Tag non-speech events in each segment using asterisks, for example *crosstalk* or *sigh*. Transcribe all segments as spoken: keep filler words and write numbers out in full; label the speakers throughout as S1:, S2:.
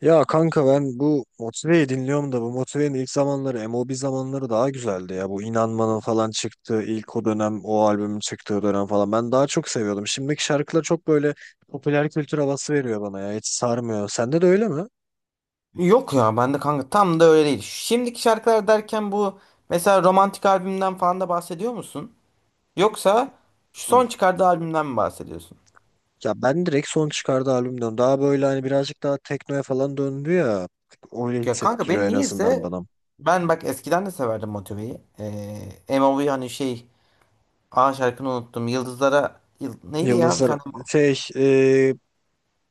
S1: Ya kanka ben bu Motive'yi dinliyorum da bu Motive'nin ilk zamanları M O B zamanları daha güzeldi ya. Bu İnanmanın falan çıktığı ilk o dönem o albümün çıktığı dönem falan ben daha çok seviyordum. Şimdiki şarkılar çok böyle popüler kültür havası veriyor bana ya hiç sarmıyor. Sende de öyle mi?
S2: Yok ya ben de kanka tam da öyle değil. Şimdiki şarkılar derken bu mesela romantik albümden falan da bahsediyor musun? Yoksa şu
S1: Hı.
S2: son çıkardığı albümden mi bahsediyorsun?
S1: Ya ben direkt son çıkardığı albümden daha böyle hani birazcık daha teknoya falan döndü ya. Öyle
S2: Ya kanka
S1: hissettiriyor
S2: ben
S1: en azından
S2: niyeyse
S1: bana.
S2: ben bak eskiden de severdim Motive'yi. Ee, M O V hani şey A şarkını unuttum. Yıldızlara yıl, neydi ya bir
S1: Yıldızlar
S2: tane
S1: şey e,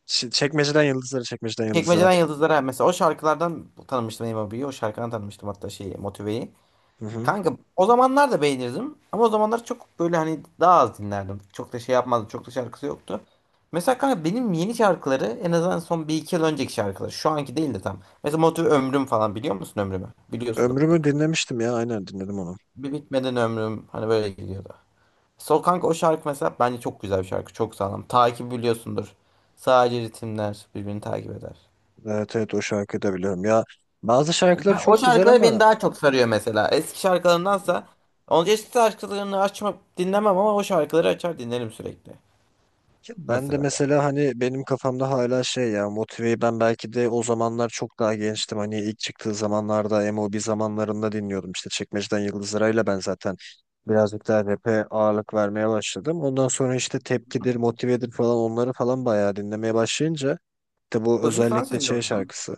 S1: ç- çekmeceden yıldızlara çekmeceden yıldızlara.
S2: Çekmeceden Yıldızlara mesela o şarkılardan tanımıştım M O V'yi. O V'yi. O şarkıdan tanımıştım hatta şeyi Motive'yi.
S1: Hı hı.
S2: Kanka o zamanlar da beğenirdim ama o zamanlar çok böyle hani daha az dinlerdim. Çok da şey yapmazdım. Çok da şarkısı yoktu. Mesela kanka benim yeni şarkıları en azından son bir iki yıl önceki şarkılar. Şu anki değil de tam. Mesela Motive Ömrüm falan biliyor musun Ömrüm'ü? Biliyorsun da
S1: Ömrümü
S2: mutlaka.
S1: dinlemiştim ya aynen dinledim onu.
S2: Bir bitmeden ömrüm hani böyle gidiyordu. Sol kanka o şarkı mesela bence çok güzel bir şarkı. Çok sağlam. Takip biliyorsundur. Sadece ritimler birbirini takip eder.
S1: Evet evet, o şarkıyı da biliyorum. Ya bazı şarkıları
S2: Ben, o
S1: çok güzel
S2: şarkıları beni
S1: ama
S2: daha çok sarıyor mesela. Eski şarkılarındansa onun eski şarkılarını açma dinlemem ama o şarkıları açar dinlerim sürekli.
S1: ya ben de
S2: Mesela ya.
S1: mesela hani benim kafamda hala şey ya Motive'yi ben belki de o zamanlar çok daha gençtim. Hani ilk çıktığı zamanlarda M O B zamanlarında dinliyordum. İşte Çekmeceden Yıldız Ara'yla ben zaten birazcık daha rap'e ağırlık vermeye başladım. Ondan sonra işte Tepkidir, Motive'dir falan onları falan bayağı dinlemeye başlayınca de bu
S2: Uzi'yi falan
S1: özellikle
S2: seviyor
S1: şey
S2: muydun?
S1: şarkısı.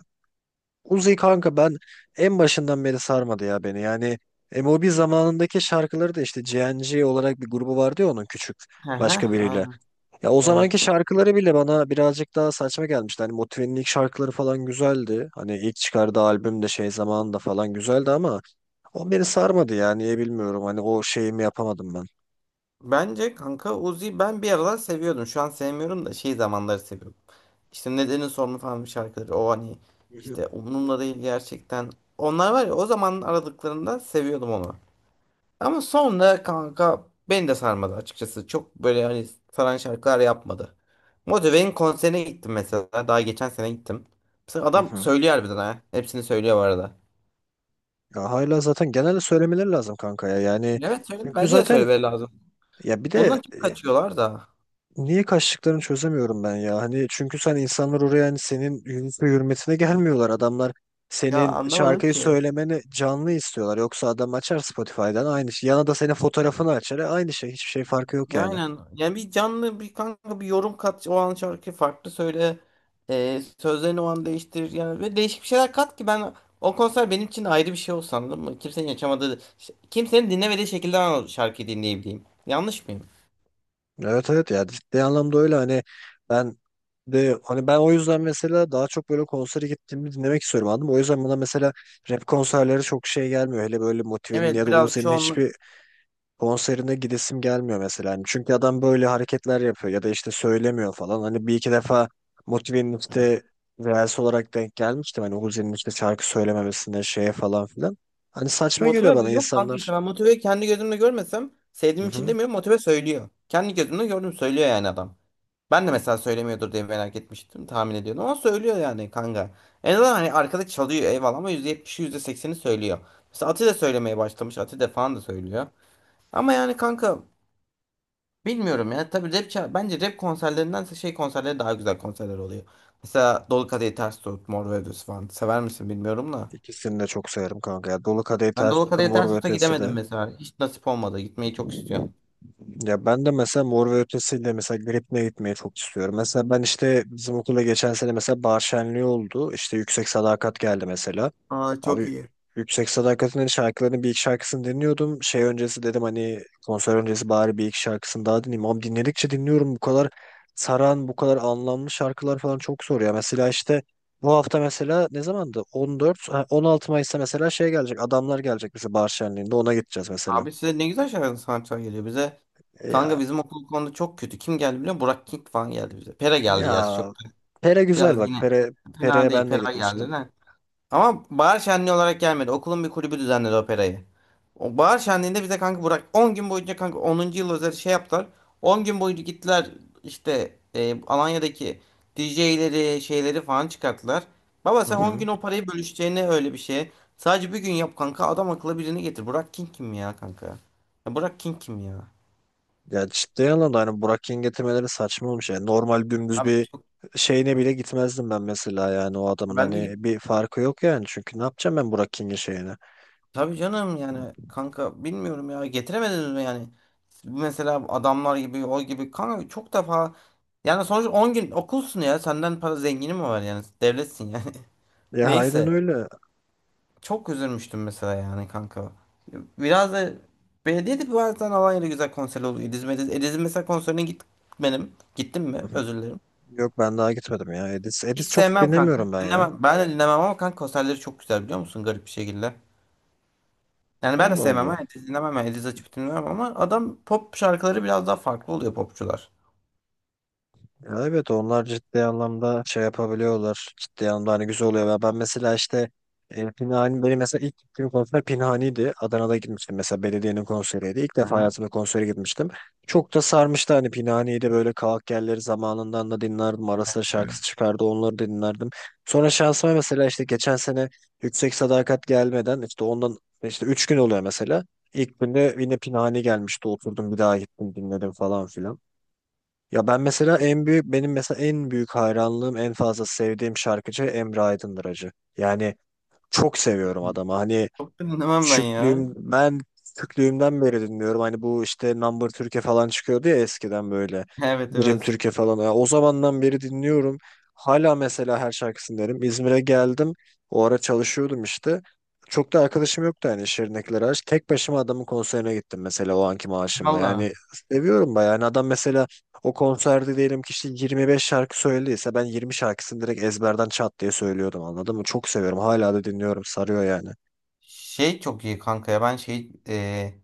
S1: Uzi kanka ben en başından beri sarmadı ya beni. Yani M O B zamanındaki şarkıları da işte G N G olarak bir grubu vardı ya onun küçük
S2: Hı hı,
S1: başka biriyle.
S2: aynen.
S1: Ya o zamanki
S2: Evet.
S1: şarkıları bile bana birazcık daha saçma gelmişti. Hani Motive'nin ilk şarkıları falan güzeldi. Hani ilk çıkardığı albüm de şey zamanında falan güzeldi ama o beni sarmadı ya niye bilmiyorum. Hani o şeyimi yapamadım ben.
S2: Bence kanka Uzi ben bir aralar seviyordum. Şu an sevmiyorum da şey zamanları seviyorum. İşte Nedenin Sorunu falan bir şarkıları. O hani işte
S1: *laughs*
S2: umurumda değil gerçekten. Onlar var ya o zaman aradıklarında seviyordum onu. Ama sonra kanka beni de sarmadı açıkçası. Çok böyle hani saran şarkılar yapmadı. Motive'in konserine gittim mesela. Daha geçen sene gittim. Mesela
S1: Hı
S2: adam
S1: hı. Hı hı.
S2: söylüyor harbiden ha. Hepsini söylüyor bu arada.
S1: Ya hala zaten genelde söylemeleri lazım kanka ya. Yani
S2: Evet söyle.
S1: çünkü
S2: Bence de
S1: zaten
S2: söylemeleri lazım.
S1: ya bir
S2: Bundan
S1: de
S2: çok
S1: e,
S2: kaçıyorlar da.
S1: Niye kaçtıklarını çözemiyorum ben ya. Hani çünkü sen insanlar oraya hani senin yüzüne hürmetine gelmiyorlar. Adamlar
S2: Ya
S1: senin
S2: anlamadım
S1: şarkıyı
S2: ki.
S1: söylemeni canlı istiyorlar. Yoksa adam açar Spotify'dan aynı şey. Yana da senin fotoğrafını açar. E, Aynı şey. Hiçbir şey farkı yok yani.
S2: Aynen. Yani bir canlı bir kanka bir yorum kat. O an şarkı farklı söyle. Ee, sözlerini o an değiştir. Yani ve değişik bir şeyler kat ki ben o konser benim için ayrı bir şey olsun anladın mı? Kimsenin yaşamadığı, kimsenin dinlemediği şekilde ben o şarkıyı dinleyebileyim. Yanlış mıyım?
S1: Evet evet, ya ciddi anlamda öyle hani ben de hani ben o yüzden mesela daha çok böyle konsere gittiğimde dinlemek istiyorum, anladın mı? O yüzden bana mesela rap konserleri çok şey gelmiyor. Hele böyle Motive'nin ya
S2: Evet
S1: da
S2: biraz
S1: Uzi'nin
S2: çoğunluk.
S1: hiçbir konserine gidesim gelmiyor mesela. Hani çünkü adam böyle hareketler yapıyor ya da işte söylemiyor falan. Hani bir iki defa Motive'nin
S2: Evet.
S1: işte reels olarak denk gelmiştim. Hani Uzi'nin işte şarkı söylememesine şeye falan filan. Hani saçma geliyor
S2: Motive
S1: bana
S2: yok kanka işte
S1: insanlar.
S2: ben motive kendi gözümle görmesem
S1: Hı
S2: sevdiğim için
S1: hı.
S2: demiyorum motive söylüyor. Kendi gözümle gördüm söylüyor yani adam. Ben de mesela söylemiyordur diye merak etmiştim. Tahmin ediyordum ama söylüyor yani kanka. En azından hani arkada çalıyor eyvallah ama yüzde yetmişi yüzde sekseni söylüyor. Mesela Ati de söylemeye başlamış. Ati de falan da söylüyor. Ama yani kanka bilmiyorum ya. Tabii rap ça- bence rap konserlerinden şey konserleri daha güzel konserler oluyor. Mesela Dolu Kadehi Ters Tut, Mor ve Ötesi falan. Sever misin bilmiyorum da.
S1: İkisini de çok severim kanka. Ya. Dolu Kadehi
S2: Ben
S1: Ters
S2: Dolu
S1: Tutun,
S2: Kadehi
S1: Mor
S2: Ters
S1: ve
S2: Tut'a
S1: Ötesi
S2: gidemedim
S1: de.
S2: mesela. Hiç nasip olmadı. Gitmeyi çok istiyorum.
S1: Ya ben de mesela Mor ve Ötesi'yle mesela Gripne gitmeyi çok istiyorum. Mesela ben işte bizim okula geçen sene mesela bahar şenliği oldu. İşte Yüksek Sadakat geldi mesela.
S2: Aa çok
S1: Abi
S2: iyi.
S1: Yüksek Sadakat'ın hani şarkılarının bir iki şarkısını dinliyordum. Şey öncesi dedim hani konser öncesi bari bir iki şarkısını daha dinleyeyim. Ama dinledikçe dinliyorum, bu kadar saran, bu kadar anlamlı şarkılar falan çok zor ya. Mesela işte bu hafta mesela ne zamandı? on dört, ha, on altı Mayıs'ta mesela şey gelecek. Adamlar gelecek mesela bahar şenliğinde ona gideceğiz mesela.
S2: Abi size ne güzel şeyler sanatçılar geliyor bize. Kanka
S1: Ya
S2: bizim okul bu konuda çok kötü. Kim geldi biliyor musun? Burak King falan geldi bize. Pera geldi gerçi çok.
S1: ya Pere güzel
S2: Biraz
S1: bak.
S2: yine
S1: Pere,
S2: fena
S1: Pere'ye
S2: değil.
S1: ben de
S2: Pera
S1: gitmiştim.
S2: geldi. Ama bahar şenliği olarak gelmedi. Okulun bir kulübü düzenledi operayı. O bahar şenliğinde bize kanka Burak on gün boyunca kanka onuncu yıl özel şey yaptılar. On gün boyunca gittiler işte e, Alanya'daki D J'leri şeyleri falan çıkarttılar. Baba
S1: Hı
S2: sen on gün
S1: hı.
S2: o parayı bölüşeceğine öyle bir şey. Sadece bir gün yap kanka adam akıllı birini getir. Burak King kim ya kanka? Ya Burak King kim ya?
S1: Ya ciddi anlamda hani Burak Yıldırım getirmeleri saçma olmuş. Yani normal dümdüz
S2: Abi
S1: bir
S2: çok
S1: şeyine bile gitmezdim ben mesela, yani o adamın
S2: ben de
S1: hani
S2: git.
S1: bir farkı yok yani. Çünkü ne yapacağım ben Burak King'in şeyine?
S2: Tabii canım yani kanka bilmiyorum ya getiremediniz mi yani? Mesela adamlar gibi o gibi kanka çok defa. Yani sonuç on gün okulsun ya. Senden para zengini mi var yani? Devletsin yani. *laughs*
S1: Ya aynen
S2: Neyse.
S1: öyle. Hı
S2: Çok üzülmüştüm mesela yani kanka. Biraz da belediye de bazen Alanya'da güzel konser oluyor. İdizim, İdiz, İdiz'in mesela konserine git benim. Gittim mi?
S1: hı.
S2: Özür dilerim.
S1: Yok, ben daha gitmedim ya. Edis,
S2: Hiç
S1: Edis çok
S2: sevmem kanka.
S1: dinlemiyorum ben ya.
S2: Dinlemem. Ben de dinlemem ama kanka konserleri çok güzel biliyor musun? Garip bir şekilde. Yani ben de
S1: Allah
S2: sevmem
S1: Allah.
S2: ha. İdiz dinlemem. Yani İdiz açıp dinlemem ama adam pop şarkıları biraz daha farklı oluyor popçular.
S1: Ya evet, onlar ciddi anlamda şey yapabiliyorlar. Ciddi anlamda hani güzel oluyor. Ya ben mesela işte e, Pinhani, benim mesela ilk gittiğim konser Pinhani'ydi. Adana'da gitmiştim mesela, belediyenin konseriydi. İlk defa
S2: Aha.
S1: hayatımda konsere gitmiştim. Çok da sarmıştı hani, pinhaniydi, böyle kavak yerleri zamanından da dinlerdim. Ara sıra şarkısı çıkardı, onları da dinlerdim. Sonra şansıma mesela işte geçen sene Yüksek Sadakat gelmeden işte ondan işte üç gün oluyor mesela. İlk günde yine Pinhani gelmişti, oturdum bir daha gittim dinledim falan filan. Ya ben mesela en büyük, benim mesela en büyük hayranlığım, en fazla sevdiğim şarkıcı Emre Aydındır. Yani çok seviyorum adamı. Hani
S2: Çok da dinlemem ben ya.
S1: Küçüklüğüm ben küçüklüğümden beri dinliyorum. Hani bu işte Number Türkiye falan çıkıyordu ya eskiden böyle.
S2: *laughs* Evet
S1: Birim
S2: evet.
S1: Türkiye falan. Ya o zamandan beri dinliyorum. Hala mesela her şarkısını derim. İzmir'e geldim. O ara çalışıyordum işte. Çok da arkadaşım yoktu yani, şirinlikleri aç. Tek başıma adamın konserine gittim mesela o anki maaşımla.
S2: Valla.
S1: Yani seviyorum bayağı. Yani adam mesela o konserde diyelim ki işte yirmi beş şarkı söylediyse ben yirmi şarkısını direkt ezberden çat diye söylüyordum, anladın mı? Çok seviyorum. Hala da dinliyorum. Sarıyor yani.
S2: Şey çok iyi kanka ya ben şey e,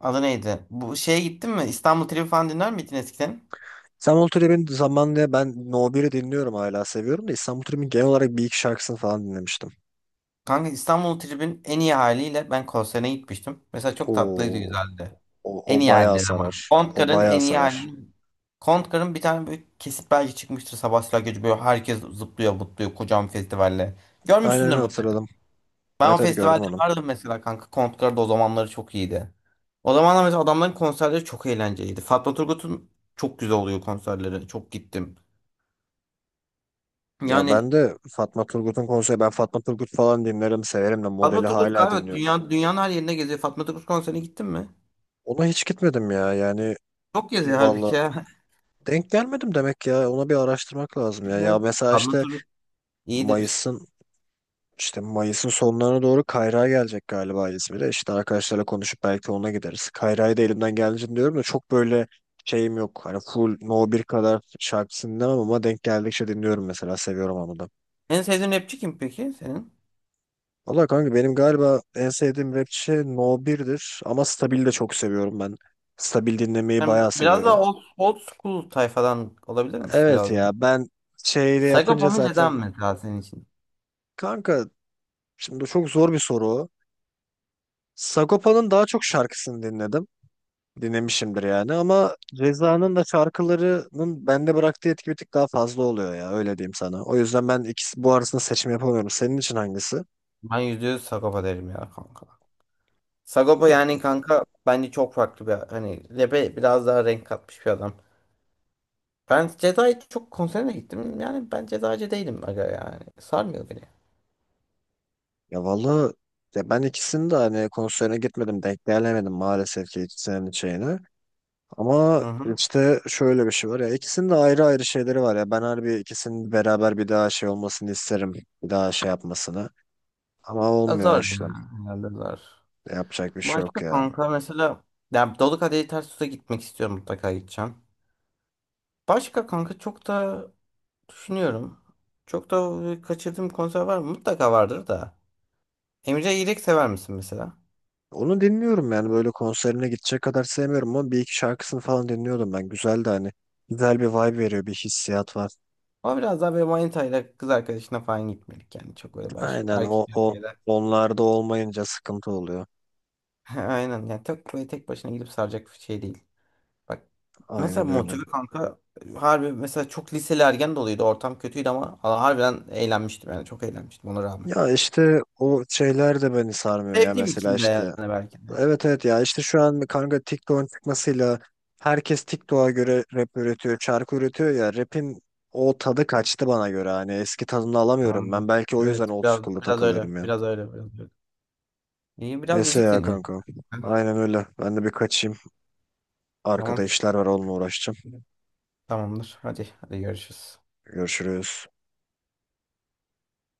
S2: adı neydi? Bu şeye gittin mi? İstanbul Tribi falan dinler miydin eskiden?
S1: İstanbul Trip'in zamanında ben No biri dinliyorum, hala seviyorum da, İstanbul Trip'in genel olarak bir iki şarkısını falan dinlemiştim.
S2: Kanka İstanbul Tribi'nin en iyi haliyle ben konserine gitmiştim. Mesela çok tatlıydı
S1: Oo,
S2: güzeldi.
S1: o,
S2: En
S1: o
S2: iyi
S1: bayağı
S2: halleri ama.
S1: sarar. O
S2: Kontkar'ın
S1: bayağı
S2: en iyi
S1: sarar.
S2: halini. Kontkar'ın bir tane böyle kesit belge çıkmıştır Sabahattin Gece böyle herkes zıplıyor butluyor kocaman festivalle.
S1: Aynen
S2: Görmüşsündür
S1: öyle,
S2: mutlaka.
S1: hatırladım.
S2: Ben o
S1: Evet evet, gördüm
S2: festivalde
S1: onu.
S2: vardım mesela kanka. Kontkar da o zamanları çok iyiydi. O zamanlar mesela adamların konserleri çok eğlenceliydi. Fatma Turgut'un çok güzel oluyor konserleri. Çok gittim.
S1: Ya
S2: Yani
S1: ben de Fatma Turgut'un konseri, ben Fatma Turgut falan dinlerim severim de,
S2: Fatma
S1: modeli
S2: Turgut
S1: hala
S2: galiba
S1: dinliyorum.
S2: dünya, dünyanın her yerine geziyor. Fatma Turgut konserine gittin mi?
S1: Ona hiç gitmedim ya, yani
S2: Çok geziyor halbuki
S1: valla
S2: ya.
S1: denk gelmedim demek, ya ona bir araştırmak lazım
S2: *laughs*
S1: ya. Ya
S2: Evet.
S1: mesela
S2: Fatma
S1: işte
S2: Turgut iyidir.
S1: Mayıs'ın İşte Mayıs'ın sonlarına doğru Kayra'ya gelecek galiba, İzmir'e. İşte arkadaşlarla konuşup belki ona gideriz. Kayra'yı da elimden geldiğince diyorum da çok böyle şeyim yok. Hani full No bir kadar şarkısını dinlemem ama denk geldikçe dinliyorum mesela. Seviyorum onu da.
S2: En sevdiğin rapçi kim peki senin?
S1: Valla kanka benim galiba en sevdiğim rapçi No birdir ama Stabil'i de çok seviyorum ben. Stabil dinlemeyi
S2: Sen bi-
S1: bayağı
S2: biraz
S1: seviyorum.
S2: daha old, old school tayfadan olabilir misin
S1: Evet
S2: biraz daha?
S1: ya, ben şeyle
S2: Sagopa
S1: yapınca
S2: mı Ceza
S1: zaten
S2: mı mesela senin için?
S1: kanka, şimdi çok zor bir soru o. Sagopa'nın daha çok şarkısını dinledim. Dinlemişimdir yani, ama Ceza'nın da şarkılarının bende bıraktığı etki bir tık daha fazla oluyor ya, öyle diyeyim sana. O yüzden ben ikisi bu arasında seçim yapamıyorum. Senin için hangisi?
S2: Ben yüzde yüz Sagopa derim ya kanka.
S1: O
S2: Sagopa
S1: da mı?
S2: yani kanka bence çok farklı bir hani rap'e biraz daha renk katmış bir adam. Ben Jedi çok konserine gittim. Yani ben Jedi'cı değilim aga yani. Sarmıyor beni.
S1: Ya vallahi, ya ben ikisini de hani konserine gitmedim, denk gelemedim maalesef ki ikisinin şeyini.
S2: Hı
S1: Ama
S2: hı.
S1: işte şöyle bir şey var ya, ikisinin de ayrı ayrı şeyleri var ya, ben harbi ikisinin beraber bir daha şey olmasını isterim. Bir daha şey yapmasını. Ama olmuyor
S2: Azar ya.
S1: işte.
S2: Herhalde azar.
S1: Yapacak bir şey
S2: Başka
S1: yok ya.
S2: kanka mesela yani Dolu Kadehi Ters Tut'a gitmek istiyorum mutlaka gideceğim. Başka kanka çok da düşünüyorum. Çok da kaçırdığım konser var mı? Mutlaka vardır da. Emre İrek sever misin mesela?
S1: Onu dinliyorum yani, böyle konserine gidecek kadar sevmiyorum ama bir iki şarkısını falan dinliyordum ben. Güzel de hani, güzel bir vibe veriyor, bir hissiyat var.
S2: Ama biraz daha böyle manitayla kız arkadaşına falan gitmedik yani. Çok böyle baş
S1: Aynen
S2: erkek
S1: o o
S2: erkeğe.
S1: onlarda olmayınca sıkıntı oluyor.
S2: *laughs* He, aynen yani tek böyle tek başına gidip saracak bir şey değil. Bak mesela
S1: Aynen öyle.
S2: motive kanka harbi mesela çok liseli ergen doluydu ortam kötüydü ama ha- harbiden eğlenmiştim yani çok eğlenmiştim ona rağmen.
S1: Ya işte o şeyler de beni sarmıyor ya
S2: Sevdiğim
S1: mesela
S2: için de
S1: işte.
S2: yani belki de.
S1: Evet evet, ya işte şu an kanka TikTok'un çıkmasıyla herkes TikTok'a göre rap üretiyor, şarkı üretiyor ya, rap'in o tadı kaçtı bana göre, hani eski tadını alamıyorum ben.
S2: Anladım.
S1: Belki o
S2: Evet
S1: yüzden old
S2: biraz
S1: school'da
S2: biraz öyle
S1: takılıyorum ya.
S2: biraz öyle biraz öyle. İyi biraz
S1: Neyse
S2: müzik
S1: ya
S2: dinleyelim.
S1: kanka.
S2: *laughs*
S1: Aynen öyle. Ben de bir kaçayım. Arkada
S2: Tamam
S1: işler var, onunla uğraşacağım.
S2: tamamdır hadi hadi görüşürüz.
S1: Görüşürüz.